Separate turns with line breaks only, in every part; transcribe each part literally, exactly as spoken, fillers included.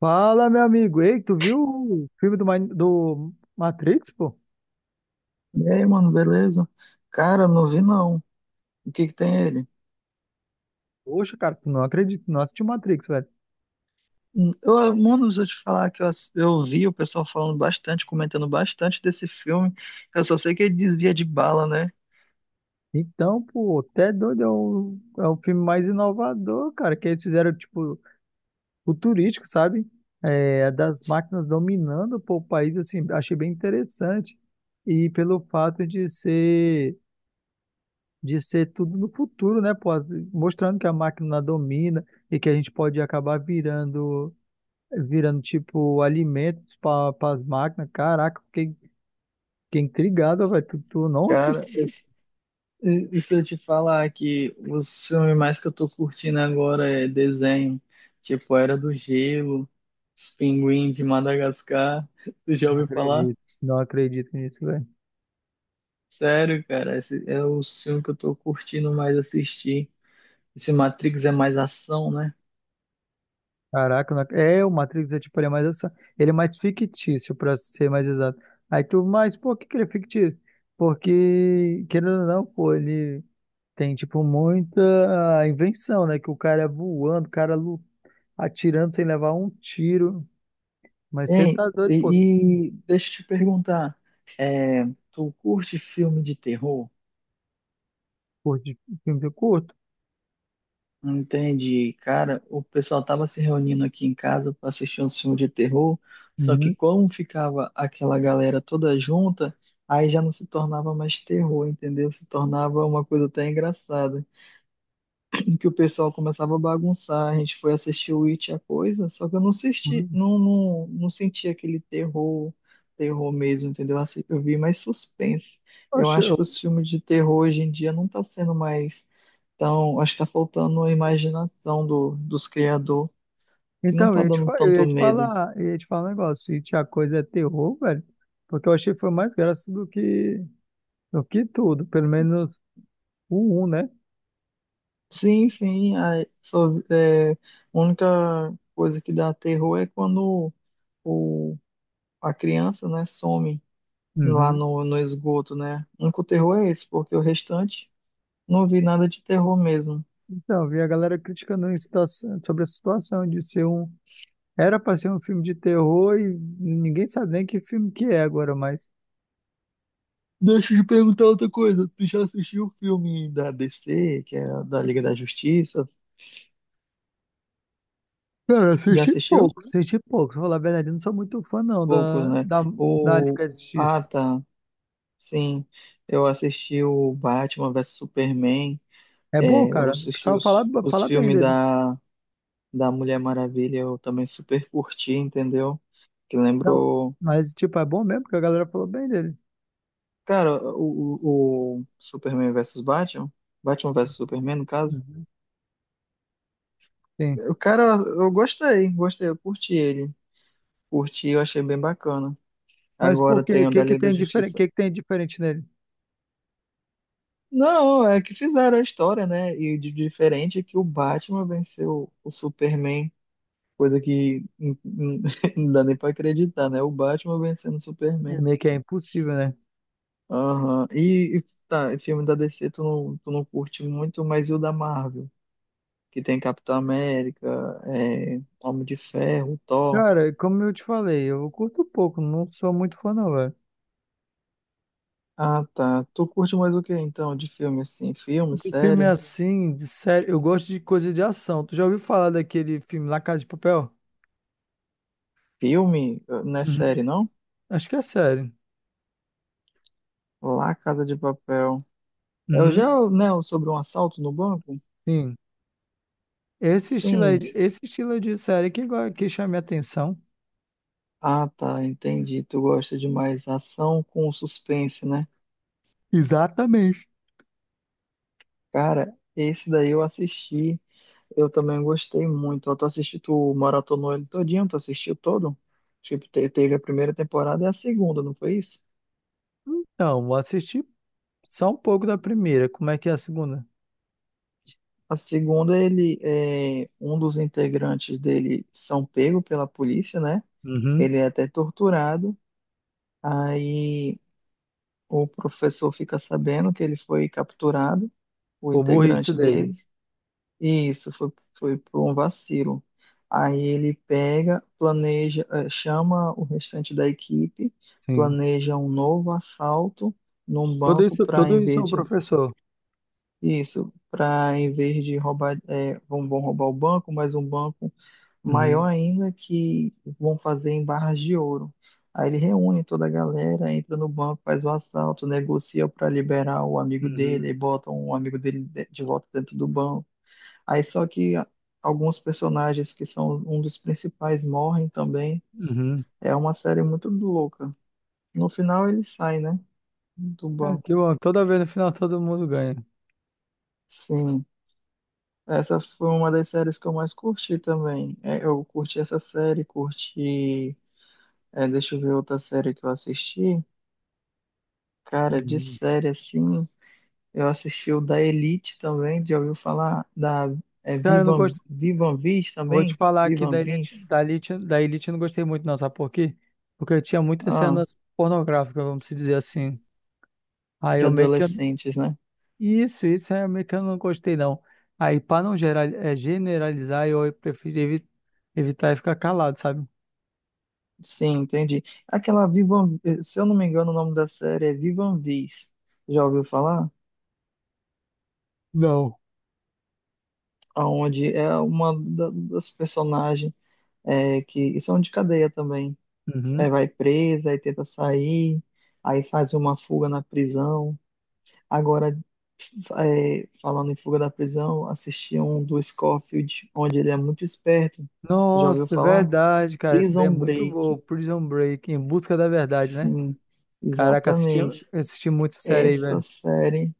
Fala, meu amigo. Ei, tu viu o filme do, Ma- do Matrix, pô?
E aí, mano, beleza? Cara, não vi não. O que que tem ele?
Poxa, cara, tu não acredito, não assisti o Matrix, velho.
Hum, Eu, mano, deixa eu te falar que eu, ass- eu vi o pessoal falando bastante, comentando bastante desse filme. Eu só sei que ele desvia de bala, né?
Então, pô, até doido, é o, é o filme mais inovador, cara, que eles fizeram, tipo, futurístico, sabe? É, é das máquinas dominando, pô, o país, assim, achei bem interessante. E pelo fato de ser, de ser tudo no futuro, né, pô? Mostrando que a máquina domina e que a gente pode acabar virando virando tipo alimentos para as máquinas. Caraca, fiquei, fiquei intrigado, velho. Tu, tu não
Cara,
assistiu isso?
esse- e e se eu te falar que os filmes mais que eu tô curtindo agora é desenho, tipo Era do Gelo, Os Pinguins de Madagascar, tu já
Não
ouviu falar?
acredito, não acredito nisso, velho.
Sério, cara, esse é o filme que eu tô curtindo mais assistir. Esse Matrix é mais ação, né?
Caraca, não ac- é, o Matrix é tipo, ele é mais essa, ele é mais fictício, para ser mais exato. Aí tu, mas por que que ele é fictício? Porque, querendo ou não, pô, ele tem tipo muita ah, invenção, né? Que o cara é voando, o cara lu- atirando sem levar um tiro. Mas você
Hein,
tá doido, pô,
e, e deixa eu te perguntar, é, tu curte filme de terror?
curte filme curto?
Entende? Cara, o pessoal tava se reunindo aqui em casa para assistir um filme de terror, só que
Uhum.
como ficava aquela galera toda junta, aí já não se tornava mais terror, entendeu? Se tornava uma coisa até engraçada em que o pessoal começava a bagunçar. A gente foi assistir o It a coisa, só que eu não senti, não, não, não senti aquele terror, terror mesmo, entendeu? Assim, eu vi mais suspense. Eu
Poxa,
acho que
eu-
os filmes de terror hoje em dia não tá sendo mais tão, acho que tá faltando a imaginação do, dos criadores, que não
então,
tá
eu ia te,
dando
fa- eu
tanto
ia te
medo.
falar, eu ia te falar um negócio. Se a coisa é terror, velho, porque eu achei que foi mais graça do que, do que tudo, pelo menos o um né?
Sim, sim, a, só, é, a única coisa que dá terror é quando o, a criança, né, some lá
Uhum.
no, no esgoto, né? O único terror é esse, porque o restante não vi nada de terror mesmo.
Então, eu vi a galera criticando em situação- sobre a situação de ser um. Era pra ser um filme de terror e ninguém sabe nem que filme que é agora, mas.
Deixa eu te perguntar outra coisa. Tu já assistiu o filme da D C, que é da Liga da Justiça?
Cara, eu
Já
assisti
assistiu?
pouco. Assisti pouco, pra falar a verdade, eu não sou muito fã não
Poucos,
da,
né?
da, da
O...
Liga da
Ah,
Justiça.
tá. Sim. Eu assisti o Batman versus Superman.
É bom,
É, eu
cara. O
assisti
pessoal fala,
os, os
fala bem
filmes
dele.
da, da Mulher Maravilha. Eu também super curti, entendeu? Que
Não,
lembrou.
mas tipo, é bom mesmo porque a galera falou bem dele.
Cara, o, o, o Superman versus Batman, Batman versus Superman, no caso,
Uhum. Sim.
o cara, eu gostei, gostei, eu curti ele, curti, eu achei bem bacana.
Mas por
Agora
quê?
tem
O
o
que
da
que
Liga da
tem diferente,
Justiça.
que que tem diferente nele?
Não, é que fizeram a história, né? E de diferente é que o Batman venceu o Superman, coisa que hum, hum, não dá nem pra acreditar, né? O Batman vencendo o
É
Superman.
meio que é impossível, né?
Aham. E, e tá, e filme da D C tu não, tu não curte muito, mas e o da Marvel? Que tem Capitão América, é, Homem de Ferro, Thor.
Cara, como eu te falei, eu curto pouco, não sou muito fã não, velho.
Ah, tá. Tu curte mais o que então de filme assim? Filme,
De filme
série?
assim, de série, eu gosto de coisa de ação. Tu já ouviu falar daquele filme La Casa de Papel?
Filme? Eh, não é série,
Uhum.
não?
Acho que é série.
Lá Casa de Papel. É o já,
Uhum.
né, o sobre um assalto no banco?
Sim. Esse estilo aí,
Sim.
de- esse estilo de série que, go- que chama minha atenção.
Ah, tá, entendi. Tu gosta de mais ação com suspense, né?
Exatamente.
Cara, esse daí eu assisti. Eu também gostei muito. Eu tô assistindo, tu maratonou ele todinho, tu assistiu todo? Tipo, te- teve a primeira temporada e a segunda, não foi isso?
Então, vou assistir só um pouco da primeira. Como é que é a segunda?
A segunda, ele é um dos integrantes dele são pego pela polícia, né?
Uhum.
Ele é até torturado. Aí o professor fica sabendo que ele foi capturado, o
Por burrice
integrante
dele,
dele, e isso foi, foi por um vacilo. Aí ele pega, planeja, eh, chama o restante da equipe,
sim.
planeja um novo assalto num
Tudo
banco
isso,
para,
tudo
em
isso é o
vez de...
professor.
Isso, para em vez de roubar, é, vão, vão roubar o banco, mas um banco maior
Uhum,
ainda que vão fazer em barras de ouro. Aí ele reúne toda a galera, entra no banco, faz o assalto, negocia para liberar o amigo dele,
uhum,
aí botam o amigo dele de de volta dentro do banco. Aí só que a- alguns personagens que são um dos principais morrem também.
uhum.
É uma série muito louca. No final ele sai, né, do
É,
banco.
que bom, toda vez no final todo mundo ganha.
Sim. Essa foi uma das séries que eu mais curti também. É, eu curti essa série, curti. É, deixa eu ver outra série que eu assisti. Cara, de
Uhum.
série assim, eu assisti o da Elite também. Já ouviu falar da é,
Cara, eu não
Vivan,
gosto.
Vivan Viz
Vou te
também?
falar aqui
Vivan
da Elite,
Viz?
da Elite, da Elite eu não gostei muito, não, sabe por quê? Porque tinha muitas
Ah,
cenas pornográficas, vamos dizer assim. Aí
de
eu meio que.
adolescentes, né?
Isso, isso é meio que eu não gostei, não. Aí, pra não geral, é, generalizar, eu prefiro evi- evitar e ficar calado, sabe?
Sim, entendi. Aquela Vivan, se eu não me engano, o nome da série é Vivan Viz. Já ouviu falar?
Não.
Aonde é uma da- das personagens é, que são de cadeia também. Aí
Uhum.
vai presa, aí tenta sair, aí faz uma fuga na prisão. Agora, é, falando em fuga da prisão, assisti um do Scofield, onde ele é muito esperto. Já ouviu
Nossa,
falar?
verdade, cara. Essa ideia é
Prison
muito boa.
Break.
Prison Break, Em Busca da Verdade, né?
Sim,
Caraca, assisti,
exatamente.
assisti muito essa série aí,
Essa
velho.
série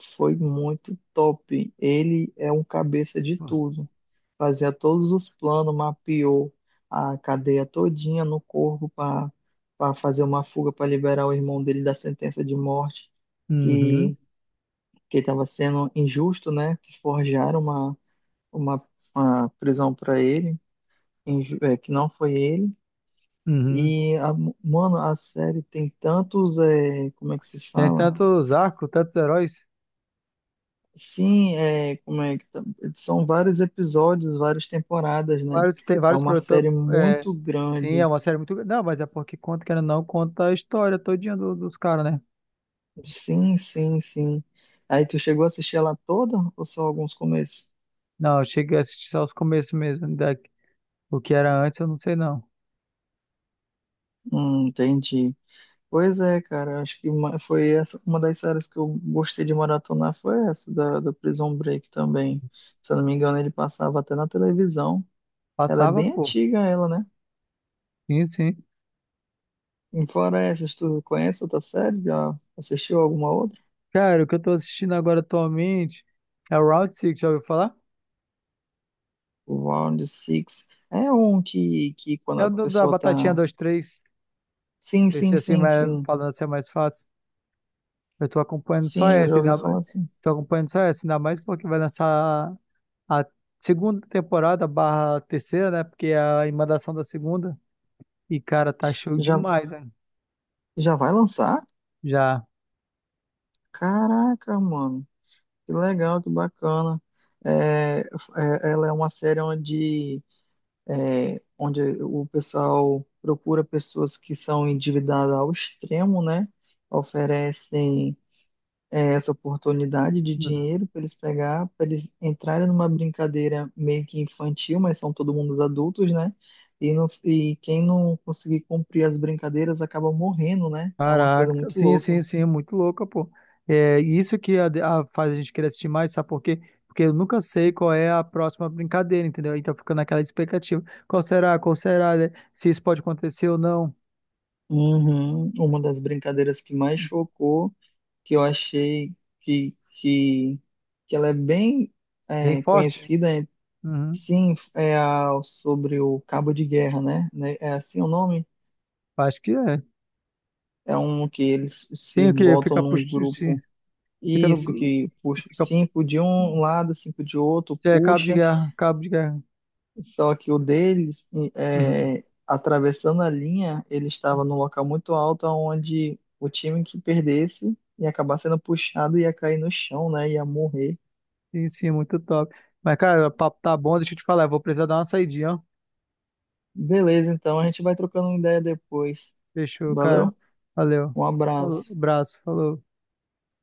foi muito top. Ele é um cabeça de tudo, fazia todos os planos, mapeou a cadeia todinha no corpo para para fazer uma fuga para liberar o irmão dele da sentença de morte
Uhum,
que que estava sendo injusto, né? Que forjaram uma uma, uma prisão para ele, inju- é, que não foi ele.
uhum.
E a- mano, a série tem tantos, é, como é que se
Tem
fala?
tantos arcos, tantos heróis.
Sim, é, como é que tá- são vários episódios, várias temporadas, né?
Vários, tem
É
vários
uma
produtores.
série
É,
muito
sim, é
grande.
uma série muito. Não, mas é porque conta, querendo ou não, conta a história todinha do- dos caras, né?
Sim, sim, sim. Aí tu chegou a assistir ela toda ou só alguns começos?
Não, eu cheguei a assistir só os começos mesmo. Da, o que era antes, eu não sei não.
Hum, entendi. Pois é, cara, acho que uma, foi essa uma das séries que eu gostei de maratonar foi essa da, da Prison Break também. Se eu não me engano, ele passava até na televisão. Ela é
Passava,
bem
pô.
antiga, ela, né?
Sim, sim.
E fora essas, tu conhece outra série? Já assistiu alguma outra?
Cara, o que eu tô assistindo agora atualmente é o Round Six já ouviu falar?
O Round Six. É um que, que quando
É
a
o do- da
pessoa
Batatinha
tá...
dois três.
Sim,
Esse
sim,
assim,
sim,
mas
sim.
falando assim é mais fácil. Eu tô acompanhando só
Sim, eu já
essa.
ouvi
Ainda...
falar assim.
Tô acompanhando só essa, ainda mais porque vai lançar a segunda temporada barra terceira, né? Porque é a emendação da segunda. E, cara, tá show
Já,
demais, né?
já vai lançar?
Já.
Caraca, mano, que legal, que bacana. É, é- ela é uma série onde, é, onde o pessoal procura pessoas que são endividadas ao extremo, né? Oferecem, é, essa oportunidade de
Uhum.
dinheiro para eles pegar, para eles entrarem numa brincadeira meio que infantil, mas são todo mundo adultos, né? E, não- e quem não conseguir cumprir as brincadeiras acaba morrendo, né? É uma coisa
Caraca.
muito
Sim,
louca.
sim, sim. É muito louca, pô. É e isso que a- a- faz a gente querer assistir mais, sabe por quê? Porque eu nunca sei qual é a próxima brincadeira, entendeu? Então fica naquela expectativa. Qual será? Qual será, né? Se isso pode acontecer ou não.
Uhum. Uma das brincadeiras que mais chocou, que eu achei que, que, que ela é bem
Bem
é,
forte?
conhecida, é-
Uhum.
sim, é a, sobre o cabo de guerra, né? Né? É assim o nome?
Acho que é.
É um que eles se
Tem o quê?
botam
Fica
num
puxando.
grupo.
Fica no.
Isso, que puxa
Fica,
cinco de um lado, cinco de outro,
é cabo de
puxa.
guerra. Cabo de guerra.
Só que o deles,
Uhum.
é, atravessando a linha, ele estava num local muito alto, onde o time que perdesse ia acabar sendo puxado, ia cair no chão, né? Ia morrer.
Sim, sim, muito top. Mas, cara, o papo tá bom, deixa eu te falar. Eu vou precisar dar uma saidinha, ó.
Beleza, então a gente vai trocando uma ideia depois.
Fechou, cara.
Valeu?
Valeu.
Um
Falou,
abraço.
abraço, falou.